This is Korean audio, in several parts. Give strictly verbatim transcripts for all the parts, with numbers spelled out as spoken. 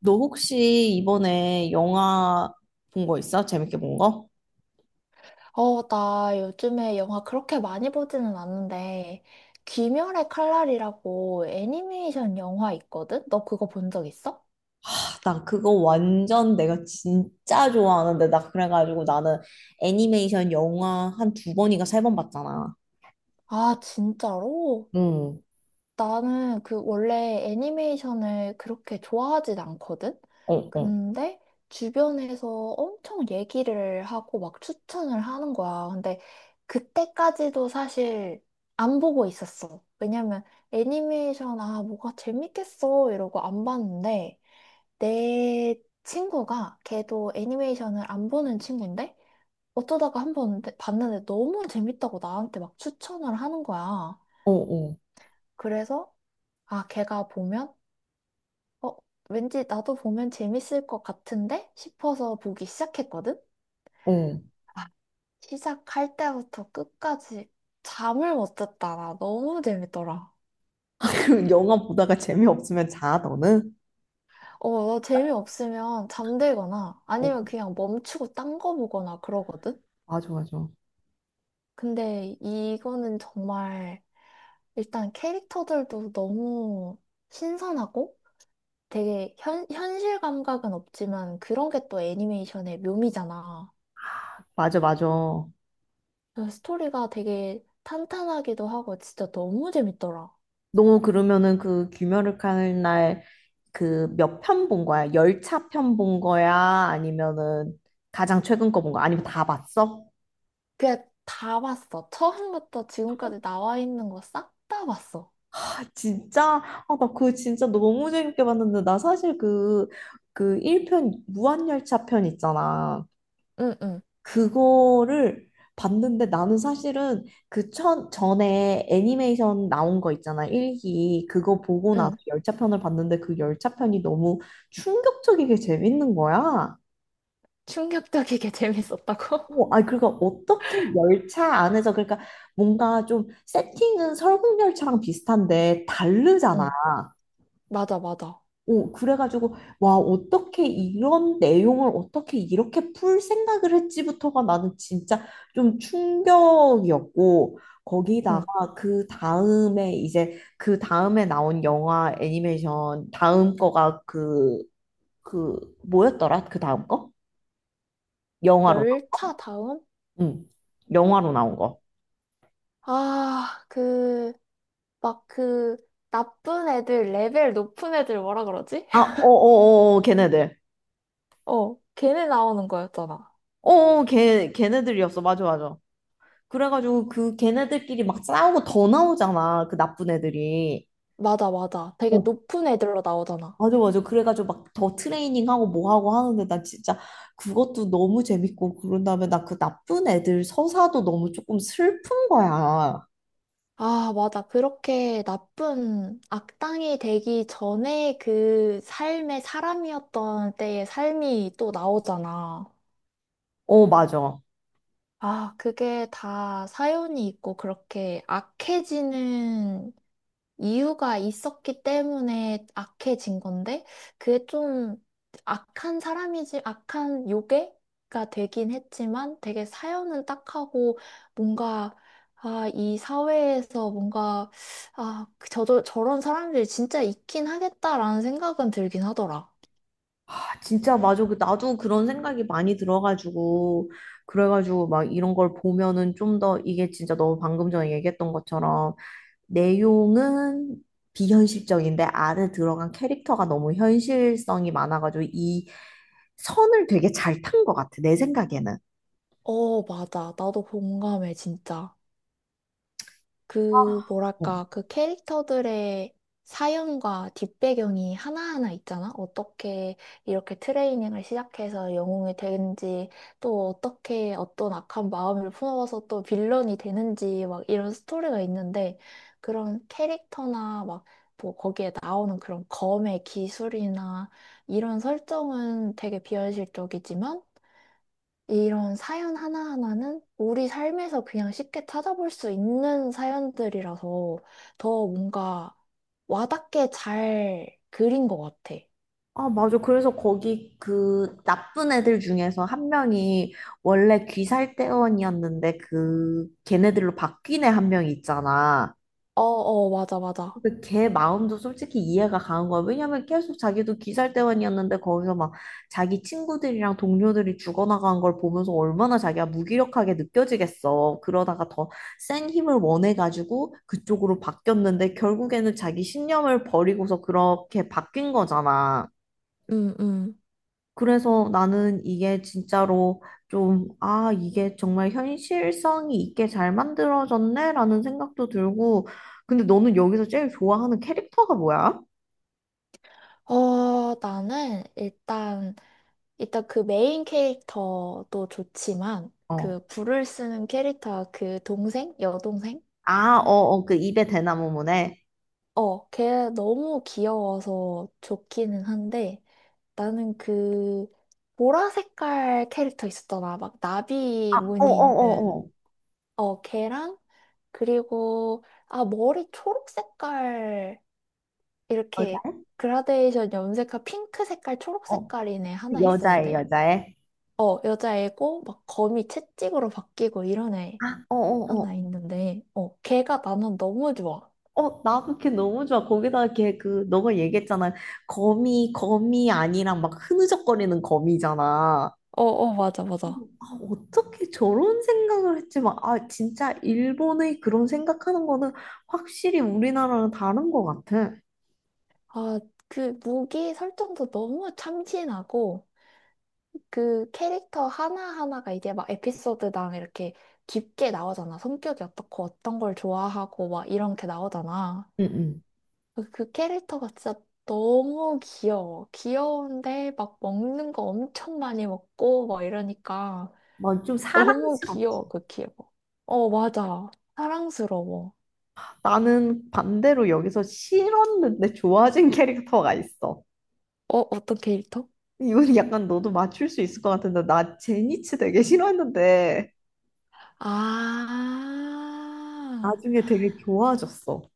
너 혹시 이번에 영화 본 거 있어? 재밌게 본 거? 어, 나 요즘에 영화 그렇게 많이 보지는 않는데, 귀멸의 칼날이라고 애니메이션 영화 있거든? 너 그거 본 적 있어? 아, 나 그거 완전 내가 진짜 좋아하는데 나 그래가지고 나는 애니메이션 영화 한 두 번인가 세 번 봤잖아. 아, 진짜로? 응, 나는 그 원래 애니메이션을 그렇게 좋아하진 않거든? 어, 어, 근데 주변에서 엄청 얘기를 하고 막 추천을 하는 거야. 근데 그때까지도 사실 안 보고 있었어. 왜냐면 애니메이션, 아, 뭐가 재밌겠어. 이러고 안 봤는데 내 친구가 걔도 애니메이션을 안 보는 친구인데 어쩌다가 한 번 봤는데 너무 재밌다고 나한테 막 추천을 하는 거야. 어, 어, 그래서 아, 걔가 보면, 어, 왠지 나도 보면 재밌을 것 같은데? 싶어서 보기 시작했거든? 어, 아, 시작할 때부터 끝까지 잠을 못 잤다. 나 너무 재밌더라. 그 영화 보다가 재미없으면 자, 너는? 어, 나 재미없으면 잠들거나 어, 아니면 그냥 멈추고 딴 거 보거나 그러거든? 맞아, 맞아. 근데 이거는 정말 일단 캐릭터들도 너무 신선하고 되게 현, 현실 감각은 없지만 그런 게 또 애니메이션의 묘미잖아. 맞아, 맞아. 그 스토리가 되게 탄탄하기도 하고 진짜 너무 재밌더라. 너 그러면은 그 귀멸을 하는 날 그 몇 편 본 거야? 열차 편 본 거야? 아니면은 가장 최근 거 본 거야? 아니면 다 봤어? 그냥 다 봤어. 처음부터 지금까지 나와 있는 거 싹 다 봤어. 진짜? 아, 나 그거 진짜 너무 재밌게 봤는데, 나 사실 그, 그 일 편, 무한열차 편 있잖아. 응, 응, 그거를 봤는데 나는 사실은 그 천, 전에 애니메이션 나온 거 있잖아. 일 기. 그거 보고 나서 응. 열차편을 봤는데 그 열차편이 너무 충격적이게 재밌는 거야. 충격적이게 재밌었다고? 오, 아, 그러니까 어떻게 열차 안에서, 그러니까 뭔가 좀 세팅은 설국열차랑 비슷한데 다르잖아. 응, 맞아, 맞아. 오, 그래가지고, 와, 어떻게 이런 내용을 어떻게 이렇게 풀 생각을 했지부터가 나는 진짜 좀 충격이었고, 응. 거기다가 그 다음에 이제 그 다음에 나온 영화 애니메이션 다음 거가 그, 그, 뭐였더라? 그 다음 거? 영화로, 열차 다음? 응, 영화로 나온 거. 아, 그, 막 그, 나쁜 애들, 레벨 높은 애들 뭐라 그러지? 아, 어어어, 걔네들. 어, 걔네 나오는 거였잖아. 어어, 걔, 걔네들이었어. 맞아, 맞아. 그래가지고 그 걔네들끼리 막 싸우고 더 나오잖아. 그 나쁜 애들이. 맞아, 맞아. 되게 어, 높은 애들로 나오잖아. 맞아, 맞아. 그래가지고 막 더 트레이닝하고 뭐 하고 하는데 나 진짜 그것도 너무 재밌고 그런 다음에 나 그 나쁜 애들 서사도 너무 조금 슬픈 거야. 아, 맞아. 그렇게 나쁜 악당이 되기 전에 그 삶의 사람이었던 때의 삶이 또 나오잖아. 어, 맞아. 아, 그게 다 사연이 있고 그렇게 악해지는 이유가 있었기 때문에 악해진 건데, 그게 좀 악한 사람이지, 악한 요괴가 되긴 했지만, 되게 사연은 딱하고, 뭔가, 아, 이 사회에서 뭔가, 아, 저 저, 저런 사람들이 진짜 있긴 하겠다라는 생각은 들긴 하더라. 아, 진짜 맞아. 그 나도 그런 생각이 많이 들어가지고 그래가지고 막 이런 걸 보면은 좀 더 이게 진짜 너 방금 전에 얘기했던 것처럼 내용은 비현실적인데 안에 들어간 캐릭터가 너무 현실성이 많아가지고 이 선을 되게 잘 탄 것 같아. 내 생각에는. 어, 맞아. 나도 공감해, 진짜. 그, 어. 뭐랄까, 그 캐릭터들의 사연과 뒷배경이 하나하나 있잖아? 어떻게 이렇게 트레이닝을 시작해서 영웅이 되는지, 또 어떻게 어떤 악한 마음을 품어서 또 빌런이 되는지, 막 이런 스토리가 있는데, 그런 캐릭터나 막, 뭐 거기에 나오는 그런 검의 기술이나 이런 설정은 되게 비현실적이지만, 이런 사연 하나하나는 우리 삶에서 그냥 쉽게 찾아볼 수 있는 사연들이라서 더 뭔가 와닿게 잘 그린 것 같아. 아, 맞아. 그래서 거기 그 나쁜 애들 중에서 한 명이 원래 귀살대원이었는데 그 걔네들로 바뀐 애 한 명이 있잖아. 어, 어, 맞아, 맞아. 그 걔 마음도 솔직히 이해가 가는 거야. 왜냐면 계속 자기도 귀살대원이었는데 거기서 막 자기 친구들이랑 동료들이 죽어나간 걸 보면서 얼마나 자기가 무기력하게 느껴지겠어. 그러다가 더 센 힘을 원해가지고 그쪽으로 바뀌었는데 결국에는 자기 신념을 버리고서 그렇게 바뀐 거잖아. 응, 응. 그래서 나는 이게 진짜로 좀, 아, 이게 정말 현실성이 있게 잘 만들어졌네? 라는 생각도 들고, 근데 너는 여기서 제일 좋아하는 캐릭터가 뭐야? 어, 나는 일단, 일단 그 메인 캐릭터도 좋지만, 어. 그 불을 쓰는 캐릭터 그 동생? 여동생? 아, 어, 어, 그 입에 대나무 문에. 어, 걔 너무 귀여워서 좋기는 한데, 나는 그 보라 색깔 캐릭터 있었잖아. 막 나비 아, 어, 어, 무늬 어, 어. 있는 어 걔랑 그리고 아 머리 초록 색깔 여자, 이렇게 그라데이션 염색한 핑크 색깔 초록 어. 색깔인 애 그 하나 여자애, 있었는데 여자애. 어 여자애고 막 검이 채찍으로 바뀌고 이런 애 아, 어, 어, 어. 하나 있는데 어 걔가 나는 너무 좋아. 어, 나 그렇게 너무 좋아. 거기다가 걔 그, 너가 얘기했잖아. 거미, 거미 아니랑 막 흐느적거리는 거미잖아. 어 어 맞아 맞아. 아, 어떻게 저런 생각을 했지? 막, 아, 진짜 일본의 그런 생각하는 거는 확실히 우리나라랑 다른 것 같아. 아 그 무기 설정도 너무 참신하고 그 캐릭터 하나하나가 이제 막 에피소드당 이렇게 깊게 나오잖아. 성격이 어떻고 어떤 걸 좋아하고 막 이렇게 나오잖아. 응, 응. 그 그 캐릭터가 진짜 너무 귀여워. 귀여운데 막 먹는 거 엄청 많이 먹고 막 이러니까 막좀 너무 사랑스럽다. 귀여워, 그 귀여워. 어, 맞아. 사랑스러워. 나는 반대로 여기서 싫었는데 좋아진 캐릭터가 있어. 어, 어떤 캐릭터? 이건 약간 너도 맞출 수 있을 것 같은데, 나 제니츠 되게 싫었는데, 아, 나중에 되게 좋아졌어.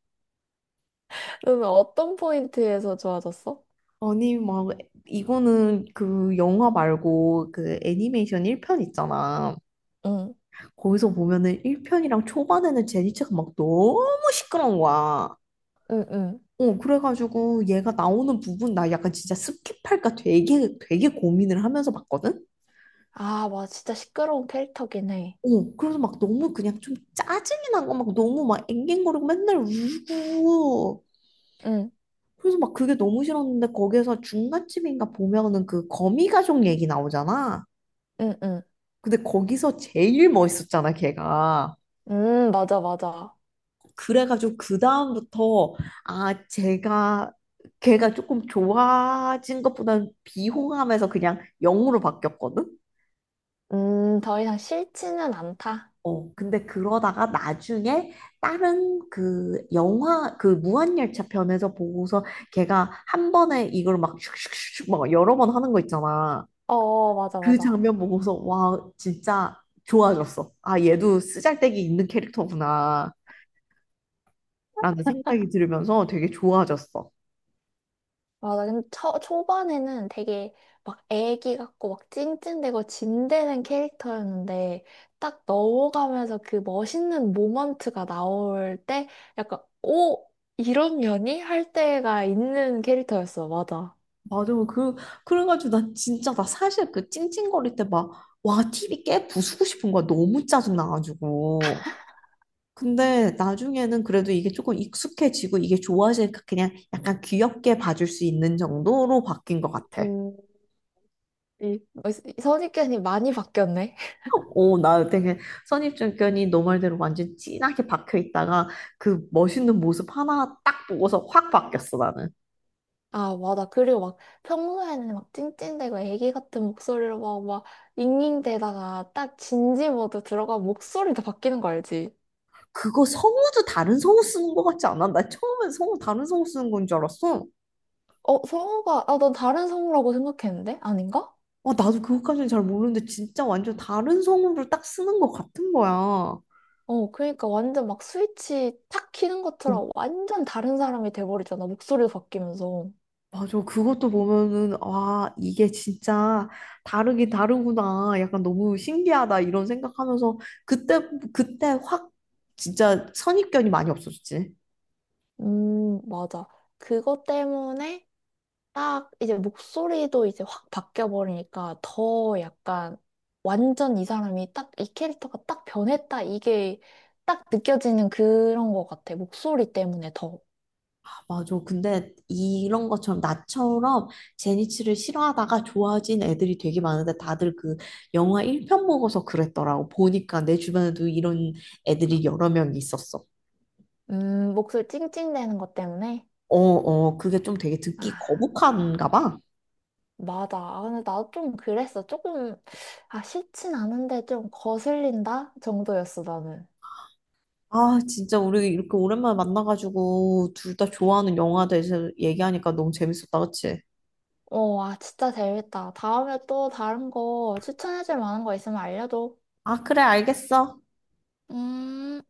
너는 어떤 포인트에서 좋아졌어? 아니, 막, 이거는 그 영화 말고 그 애니메이션 일 편 있잖아. 응, 거기서 보면은 일 편이랑 초반에는 제니체가 막 너무 시끄러운 거야. 응, 응. 어, 그래가지고 얘가 나오는 부분 나 약간 진짜 스킵할까 되게 되게 고민을 하면서 봤거든? 아, 맞아. 진짜 시끄러운 캐릭터긴 해. 어, 그래서 막 너무 그냥 좀 짜증이 난 거 막 너무 막 앵앵거리고 맨날 울고 응, 그래서 막 그게 너무 싫었는데 거기에서 중간쯤인가 보면은 그 거미 가족 얘기 나오잖아. 응, 응. 근데 거기서 제일 멋있었잖아, 걔가. 음, 맞아, 맞아. 그래가지고 그다음부터 아 제가 걔가 조금 좋아진 것보다는 비호감에서 그냥 영으로 바뀌었거든? 음, 더 이상 싫지는 않다. 어, 근데 그러다가 나중에 다른 그 영화, 그 무한열차 편에서 보고서 걔가 한 번에 이걸 막 슉슉슉슉 막 여러 번 하는 거 있잖아. 어, 맞아, 그 맞아. 장면 보고서 와, 진짜 좋아졌어. 아, 얘도 쓰잘데기 있는 캐릭터구나. 라는 생각이 들으면서 되게 좋아졌어. 맞아. 근데 초, 초반에는 되게 막 애기 같고 막 찡찡대고 진대는 캐릭터였는데 딱 넘어가면서 그 멋있는 모먼트가 나올 때 약간, 오! 이런 년이? 할 때가 있는 캐릭터였어. 맞아. 맞아. 그, 그래가지고 나 진짜, 나 사실 그 찡찡거릴 때 막, 와, 티비 깨 부수고 싶은 거야. 너무 짜증나가지고. 근데 나중에는 그래도 이게 조금 익숙해지고 이게 좋아지니까 그냥 약간 귀엽게 봐줄 수 있는 정도로 바뀐 것 같아. 음, 이 어, 선입견이 많이 바뀌었네. 오, 나 되게 선입견이 너 말대로 완전 진하게 박혀 있다가 그 멋있는 모습 하나 딱 보고서 확 바뀌었어, 나는. 아, 맞아. 그리고 막 평소에는 막 찡찡대고 애기 같은 목소리로 막, 막 잉잉대다가 딱 진지 모드 들어가 목소리도 바뀌는 거 알지? 그거 성우도 다른 성우 쓰는 것 같지 않아? 나 처음엔 성우 다른 성우 쓰는 건 줄 알았어. 어, 성우가, 아, 난 다른 성우라고 생각했는데? 아닌가? 어, 나도 그것까지는 잘 모르는데 진짜 완전 다른 성우를 딱 쓰는 것 같은 거야. 어, 어, 그러니까 완전 막 스위치 탁 키는 것처럼 완전 다른 사람이 돼버리잖아. 목소리도 바뀌면서. 맞아. 그것도 보면은 와, 이게 진짜 다르긴 다르구나. 약간 너무 신기하다 이런 생각하면서 그때 그때 확 진짜 선입견이 많이 없어졌지. 음, 맞아. 그것 때문에 딱 이제 목소리도 이제 확 바뀌어 버리니까 더 약간 완전 이 사람이 딱 이 캐릭터가 딱 변했다 이게 딱 느껴지는 그런 것 같아. 목소리 때문에 더. 아, 맞아. 근데 이런 것처럼 나처럼 제니치를 싫어하다가 좋아진 애들이 되게 많은데 다들 그 영화 일 편 보고서 그랬더라고. 보니까 내 주변에도 이런 애들이 여러 명 있었어. 음, 목소리 찡찡대는 것 때문에. 어, 어, 그게 좀 되게 아, 듣기 거북한가 봐. 맞아. 아, 근데 나도 좀 그랬어. 조금, 아, 싫진 않은데 좀 거슬린다 정도였어, 나는. 아, 진짜 우리 이렇게 오랜만에 만나가지고 둘 다 좋아하는 영화에 대해서 얘기하니까 너무 재밌었다, 그치? 어, 아, 진짜 재밌다. 다음에 또 다른 거 추천해줄 만한 거 있으면 알려줘. 아, 그래, 알겠어. 음.